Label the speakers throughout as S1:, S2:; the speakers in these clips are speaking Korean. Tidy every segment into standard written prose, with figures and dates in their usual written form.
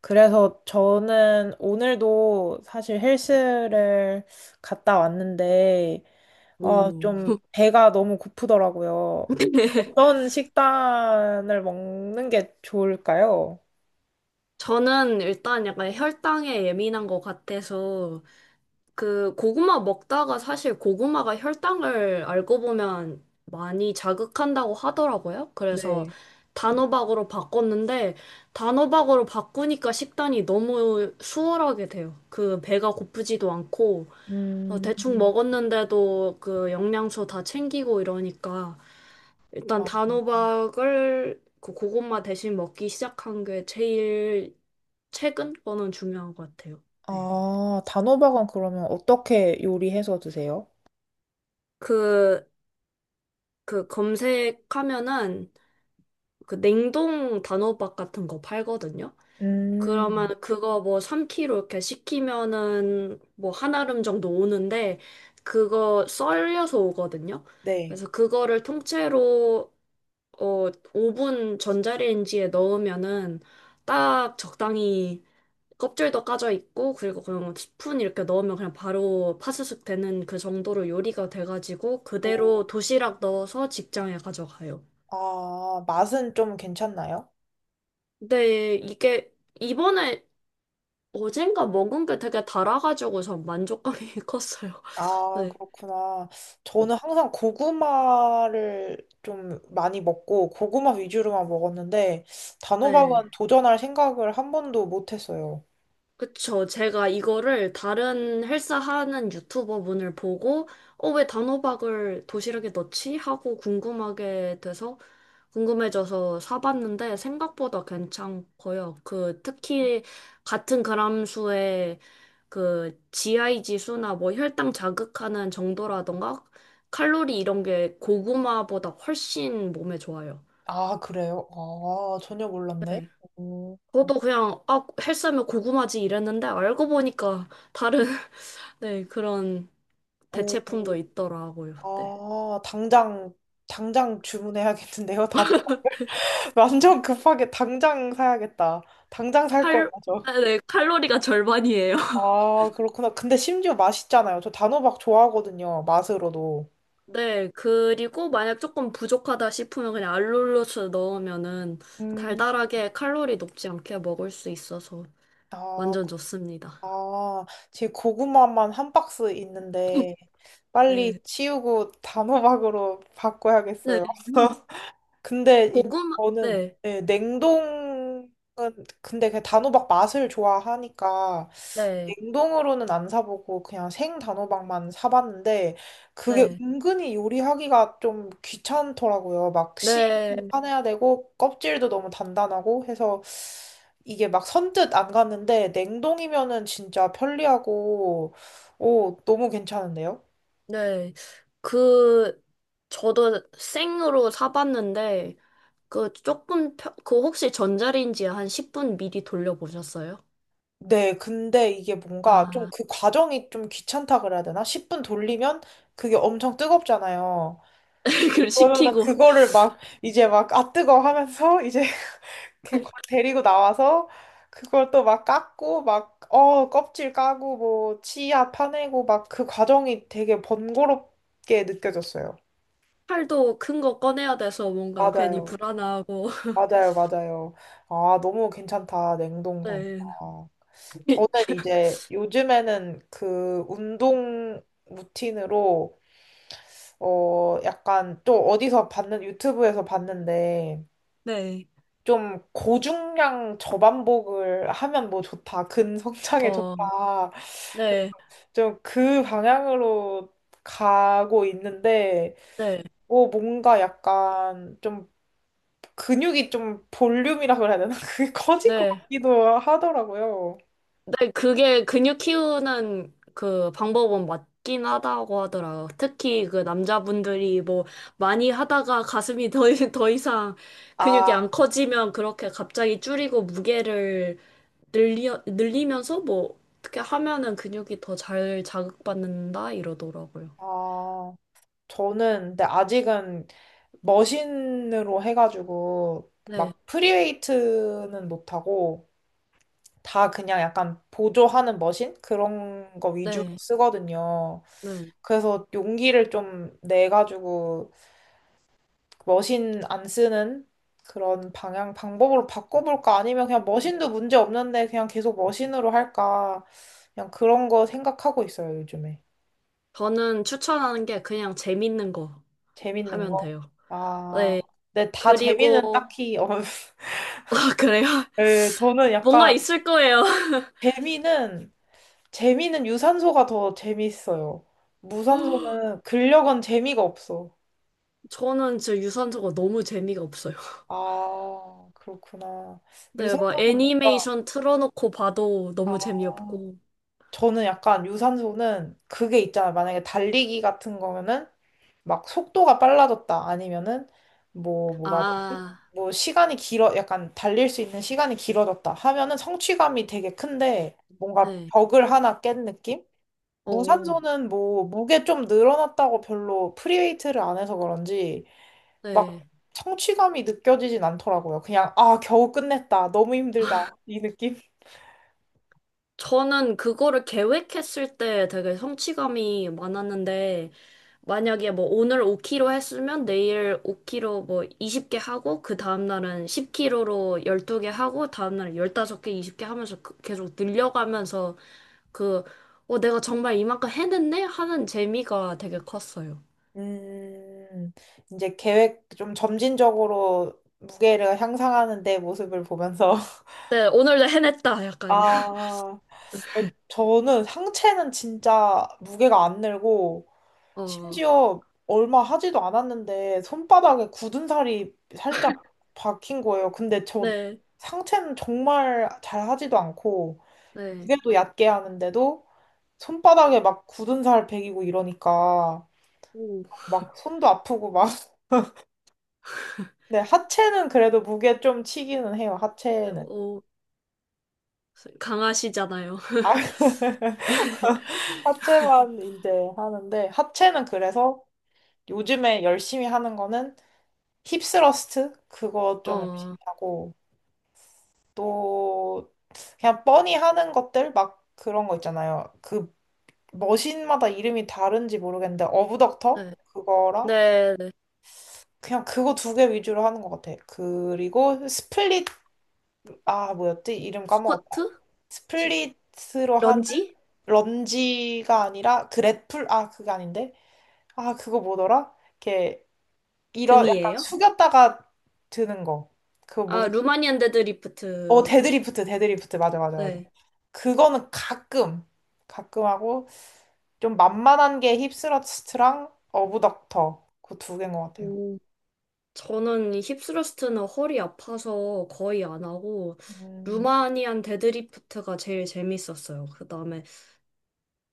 S1: 그래서 저는 오늘도 사실 헬스를 갔다 왔는데, 아,
S2: 음.
S1: 좀 배가 너무 고프더라고요. 어떤 식단을 먹는 게 좋을까요?
S2: 저는 일단 약간 혈당에 예민한 것 같아서 그 고구마 먹다가 사실 고구마가 혈당을 알고 보면 많이 자극한다고 하더라고요. 그래서
S1: 네.
S2: 단호박으로 바꿨는데 단호박으로 바꾸니까 식단이 너무 수월하게 돼요. 그 배가 고프지도 않고 어,
S1: 음,
S2: 대충
S1: 음.
S2: 먹었는데도 그 영양소 다 챙기고 이러니까 일단
S1: 아,
S2: 단호박을 그 고구마 대신 먹기 시작한 게 제일 최근 거는 중요한 것 같아요. 네.
S1: 아, 단호박은 그러면 어떻게 요리해서 드세요?
S2: 그, 그 검색하면은 그 냉동 단호박 같은 거 팔거든요.
S1: 음,
S2: 그러면 그거 뭐 3kg 이렇게 시키면은 뭐 한 알음 정도 오는데 그거 썰려서 오거든요.
S1: 네.
S2: 그래서 그거를 통째로 어, 오븐 전자레인지에 넣으면은 딱 적당히 껍질도 까져 있고 그리고 그냥 뭐 스푼 이렇게 넣으면 그냥 바로 파스스 되는 그 정도로 요리가 돼가지고
S1: 뭐,
S2: 그대로 도시락 넣어서 직장에 가져가요.
S1: 아, 맛은 좀 괜찮나요?
S2: 근데 이게 이번에 어젠가 먹은 게 되게 달아가지고 전 만족감이 컸어요.
S1: 아,
S2: 네.
S1: 그렇구나. 저는 항상 고구마를 좀 많이 먹고 고구마 위주로만 먹었는데
S2: 네.
S1: 단호박은 도전할 생각을 한 번도 못 했어요.
S2: 그쵸. 제가 이거를 다른 헬스하는 유튜버분을 보고, 어, 왜 단호박을 도시락에 넣지? 하고 궁금하게 돼서, 궁금해져서 사봤는데, 생각보다 괜찮고요. 그, 특히, 같은 그람 수의 그, GI 지수나 뭐 혈당 자극하는 정도라던가, 칼로리 이런 게 고구마보다 훨씬 몸에 좋아요.
S1: 아, 그래요? 아, 전혀 몰랐네.
S2: 네.
S1: 오,
S2: 저도 그냥, 아, 헬스하면 고구마지 이랬는데, 알고 보니까 다른 네, 그런
S1: 오,
S2: 대체품도 있더라고요. 네.
S1: 아, 당장 주문해야겠는데요. 단호 완전 급하게 당장 사야겠다. 당장 살 거예요,
S2: 칼,
S1: 저.
S2: 아, 네, 칼로리가 절반이에요.
S1: 아, 그렇구나. 근데 심지어 맛있잖아요. 저 단호박 좋아하거든요. 맛으로도.
S2: 네, 그리고 만약 조금 부족하다 싶으면 그냥 알룰로스 넣으면은
S1: 음,
S2: 달달하게 칼로리 높지 않게 먹을 수 있어서
S1: 아,
S2: 완전 좋습니다.
S1: 아, 제 고구마만 한 박스 있는데 빨리
S2: 네.
S1: 치우고 단호박으로
S2: 네.
S1: 바꿔야겠어요. 근데
S2: 고구마,
S1: 저는
S2: 네.
S1: 네, 냉동은 근데 그 단호박 맛을 좋아하니까
S2: 네.
S1: 냉동으로는 안 사보고 그냥 생 단호박만 사봤는데 그게
S2: 네.
S1: 은근히 요리하기가 좀 귀찮더라고요. 막 씨도
S2: 네.
S1: 파내야 되고 껍질도 너무 단단하고 해서 이게 막 선뜻 안 갔는데 냉동이면은 진짜 편리하고 오 너무 괜찮은데요?
S2: 네. 그, 저도 생으로 사봤는데, 그 조금, 그 혹시 전자레인지에 한 10분 미리 돌려보셨어요?
S1: 네, 근데 이게 뭔가 좀
S2: 아,
S1: 그 과정이 좀 귀찮다 그래야 되나? 10분 돌리면 그게 엄청 뜨겁잖아요.
S2: 그
S1: 그러면은
S2: 시키고
S1: 그거를 막 이제 막 아 뜨거 하면서 이제 이렇게 데리고 나와서 그걸 또 막 깎고 막 어 껍질 까고 뭐 치아 파내고 막 그 과정이 되게 번거롭게 느껴졌어요.
S2: 팔도 큰 거 꺼내야 돼서 뭔가 괜히
S1: 맞아요.
S2: 불안하고
S1: 맞아요, 맞아요. 아, 너무 괜찮다, 냉동 단
S2: 네.
S1: 파 저는 이제 요즘에는 그 운동 루틴으로, 어, 약간 또 어디서 봤는, 유튜브에서 봤는데,
S2: 네.
S1: 좀 고중량 저반복을 하면 뭐 좋다, 근성장에
S2: 어,
S1: 좋다,
S2: 네.
S1: 좀 그 방향으로 가고 있는데,
S2: 네.
S1: 뭔가 약간 좀 근육이 좀 볼륨이라 그래야 되나? 그게 커질 것
S2: 네.
S1: 같기도 하더라고요.
S2: 네, 그게 근육 키우는 그 방법은 맞긴 하다고 하더라고요. 특히 그 남자분들이 뭐 많이 하다가 가슴이 더, 더 이상 근육이
S1: 아,
S2: 안 커지면 그렇게 갑자기 줄이고 무게를 늘리면서 뭐 어떻게 하면은 근육이 더 잘 자극받는다 이러더라고요.
S1: 아, 저는 근데 아직은 머신으로 해가지고
S2: 네.
S1: 막 프리웨이트는 못하고 다 그냥 약간 보조하는 머신? 그런 거 위주로
S2: 네,
S1: 쓰거든요.
S2: 네.
S1: 그래서 용기를 좀 내가지고 머신 안 쓰는 그런 방향, 방법으로 바꿔볼까? 아니면 그냥
S2: 음.
S1: 머신도 문제 없는데 그냥 계속 머신으로 할까? 그냥 그런 거 생각하고 있어요, 요즘에.
S2: 저는 추천하는 게 그냥 재밌는 거
S1: 재밌는
S2: 하면
S1: 거?
S2: 돼요.
S1: 아,
S2: 네.
S1: 근데 다 재미는
S2: 그리고,
S1: 딱히, 어,
S2: 아, 그래요?
S1: 예, 저는
S2: 뭔가
S1: 약간
S2: 있을 거예요.
S1: 재미는, 재미는 유산소가 더 재밌어요. 무산소는 근력은 재미가 없어.
S2: 저는 진 유산소가 너무 재미가 없어요.
S1: 아, 그렇구나.
S2: 네, 막
S1: 유산소는 뭔가,
S2: 애니메이션 틀어놓고 봐도
S1: 아,
S2: 너무 재미없고.
S1: 저는 약간 유산소는 그게 있잖아요. 만약에 달리기 같은 거면은 막 속도가 빨라졌다. 아니면은 뭐 뭐라 해야 되지?
S2: 아,
S1: 뭐 시간이 길어 약간 달릴 수 있는 시간이 길어졌다 하면은 성취감이 되게 큰데 뭔가
S2: 네.
S1: 벽을 하나 깬 느낌?
S2: 어,
S1: 무산소는 뭐 무게 좀 늘어났다고 별로 프리웨이트를 안 해서 그런지 막
S2: 네.
S1: 성취감이 느껴지진 않더라고요. 그냥 아 겨우 끝냈다. 너무 힘들다. 이 느낌.
S2: 저는 그거를 계획했을 때 되게 성취감이 많았는데, 만약에 뭐 오늘 5kg 했으면 내일 5kg 뭐 20개 하고, 그 다음날은 10kg로 12개 하고, 다음날은 15개, 20개 하면서 계속 늘려가면서 그, 어, 내가 정말 이만큼 해냈네? 하는 재미가 되게 컸어요.
S1: 음, 이제 계획 좀 점진적으로 무게를 향상하는 내 모습을 보면서.
S2: 네, 오늘도 해냈다. 약간.
S1: 아, 근데 저는 상체는 진짜 무게가 안 늘고,
S2: 어,
S1: 심지어 얼마 하지도 않았는데, 손바닥에 굳은 살이 살짝 박힌 거예요. 근데 저
S2: 네,
S1: 상체는 정말 잘 하지도 않고,
S2: 네.
S1: 무게도 얕게 하는데도, 손바닥에 막 굳은 살 베기고 이러니까,
S2: 오,
S1: 막 손도 아프고 막, 네, 하체는 그래도 무게 좀 치기는 해요,
S2: 네,
S1: 하체는.
S2: 오, 강하시잖아요.
S1: 아, 하체만 이제 하는데, 하체는 그래서 요즘에 열심히 하는 거는 힙스러스트? 그거 좀 열심히
S2: 어,
S1: 하고, 또, 그냥 뻔히 하는 것들? 막 그런 거 있잖아요. 그 머신마다 이름이 다른지 모르겠는데, 어부덕터?
S2: 네.
S1: 그거랑,
S2: 네, 네.
S1: 그냥 그거 두 개 위주로 하는 것 같아. 그리고 스플릿, 아, 뭐였지? 이름 까먹었다.
S2: 스쿼트? 지-
S1: 스플릿으로 하는
S2: 런지?
S1: 런지가 아니라 그래플 아 그게 아닌데 아 그거 뭐더라? 이렇게 이런 약간
S2: 등이에요?
S1: 숙였다가 드는 거 그거
S2: 아,
S1: 뭔지
S2: 루마니안
S1: 어
S2: 데드리프트.
S1: 데드리프트 데드리프트 맞아 맞아 맞아
S2: 네.
S1: 그거는 가끔 하고 좀 만만한 게 힙스러스트랑 어부닥터 그 두 개인 것 같아요.
S2: 음, 저는 힙스러스트는 허리 아파서 거의 안 하고,
S1: 음,
S2: 루마니안 데드리프트가 제일 재밌었어요. 그 다음에,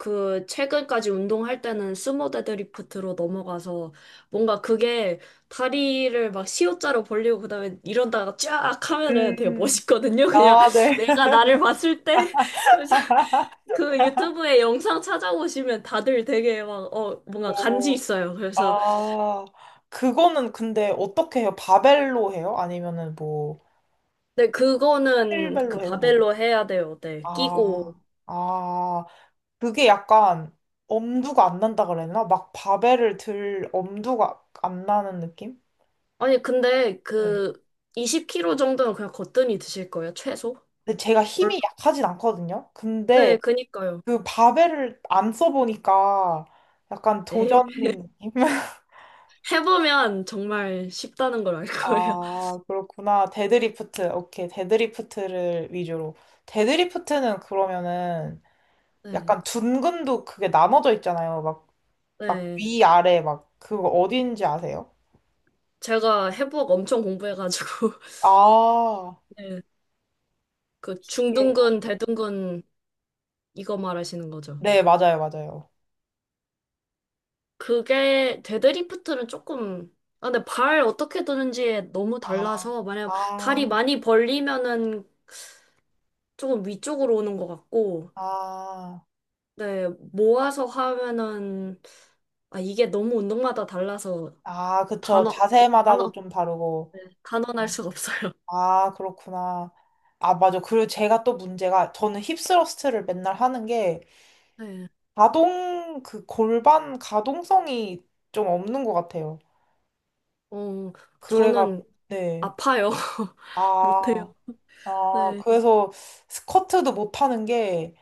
S2: 그, 최근까지 운동할 때는 스모 데드리프트로 넘어가서, 뭔가 그게 다리를 막 C자로 벌리고, 그 다음에 이런다가 쫙 하면은 되게
S1: 음,
S2: 멋있거든요. 그냥
S1: 아, 네.
S2: 내가 나를 봤을 때. 그 유튜브에 영상 찾아보시면 다들 되게 막, 어, 뭔가 간지
S1: 오,
S2: 있어요. 그래서,
S1: 아, 그거는 근데 어떻게 해요? 바벨로 해요? 아니면은 뭐,
S2: 근데 그거는
S1: 힐벨로
S2: 그
S1: 해요? 뭐
S2: 바벨로 해야 돼요. 네, 끼고.
S1: 아, 아, 그게 약간 엄두가 안 난다 그랬나? 막 바벨을 들 엄두가 안 나는 느낌?
S2: 아니, 근데
S1: 네.
S2: 그 20kg 정도는 그냥 거뜬히 드실 거예요, 최소?
S1: 근데 제가 힘이 약하진 않거든요. 근데
S2: 네, 그니까요.
S1: 그 바벨을 안 써보니까 약간
S2: 에이,
S1: 도전인 느낌?
S2: 해보면 정말 쉽다는 걸 알 거예요.
S1: 아, 그렇구나. 데드리프트. 오케이. 데드리프트를 위주로. 데드리프트는 그러면은
S2: 네,
S1: 약간 둔근도 그게 나눠져 있잖아요. 막, 막
S2: 네.
S1: 위, 아래, 막 그거 어딘지 아세요?
S2: 제가 해부학 엄청 공부해가지고,
S1: 아,
S2: 네, 그
S1: 예.
S2: 중둔근, 대둔근, 이거 말하시는 거죠.
S1: 네, 맞아요, 맞아요.
S2: 그게 데드리프트는 조금 아, 근데 발 어떻게 드는지에 너무
S1: 아,
S2: 달라서 만약 다리
S1: 아,
S2: 많이 벌리면은 조금 위쪽으로 오는 것 같고
S1: 아,
S2: 네 모아서 하면은 아 이게 너무 운동마다 달라서
S1: 아, 그쵸.
S2: 단어
S1: 자세마다도
S2: 단어
S1: 좀 다르고.
S2: 네, 단언할
S1: 어,
S2: 수가 없어요.
S1: 아, 그렇구나. 아, 맞아. 그리고 제가 또 문제가, 저는 힙 스러스트를 맨날 하는 게,
S2: 네.
S1: 가동, 그 골반 가동성이 좀 없는 것 같아요.
S2: 어
S1: 그래가,
S2: 저는
S1: 네.
S2: 아파요. 못해요.
S1: 아, 아,
S2: 네.
S1: 그래서 스쿼트도 못 하는 게,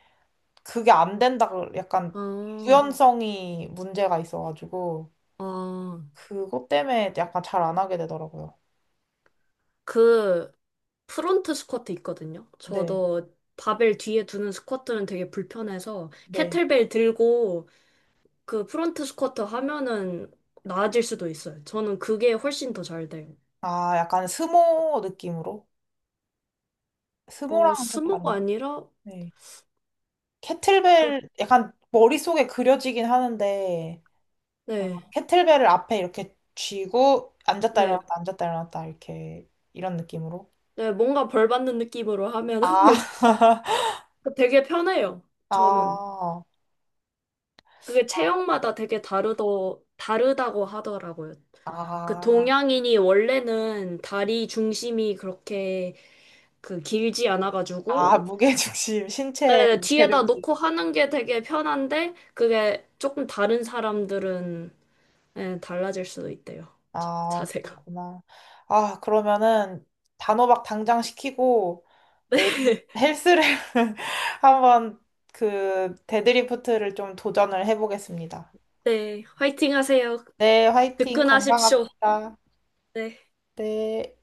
S1: 그게 안 된다. 약간,
S2: 아,
S1: 유연성이 문제가 있어가지고.
S2: 아,
S1: 그것 때문에 약간 잘 안 하게 되더라고요.
S2: 그 프론트 스쿼트 있거든요.
S1: 네,
S2: 저도 바벨 뒤에 두는 스쿼트는 되게 불편해서
S1: 네.
S2: 캐틀벨 들고 그 프론트 스쿼트 하면은 나아질 수도 있어요. 저는 그게 훨씬 더 잘 돼요.
S1: 아, 약간 스모 느낌으로?
S2: 어,
S1: 스모랑은 좀
S2: 스모가
S1: 다른.
S2: 아니라
S1: 네.
S2: 그
S1: 캐틀벨, 약간 머릿속에 그려지긴 하는데, 아,
S2: 네.
S1: 캐틀벨을 앞에 이렇게 쥐고, 앉았다
S2: 네.
S1: 일어났다, 앉았다 일어났다, 이렇게, 이런 느낌으로.
S2: 네, 뭔가 벌 받는 느낌으로 하면은
S1: 아,
S2: 되게 편해요. 저는.
S1: 아,
S2: 그게 체형마다 되게 다르다고 하더라고요. 그
S1: 아,
S2: 동양인이 원래는 다리 중심이 그렇게 그 길지
S1: 아,
S2: 않아가지고,
S1: 무게중심, 신체
S2: 네네, 뒤에다
S1: 무게중심.
S2: 놓고 하는 게 되게 편한데, 그게 조금 다른 사람들은 예, 달라질 수도 있대요. 자,
S1: 아,
S2: 자세가.
S1: 그렇구나. 아, 그러면은 단호박 당장 시키고 내일 헬스를 한번 그 데드리프트를 좀 도전을 해보겠습니다.
S2: 네, 화이팅 하세요.
S1: 네, 화이팅
S2: 뜨끈하십시오.
S1: 건강합시다.
S2: 네.
S1: 네.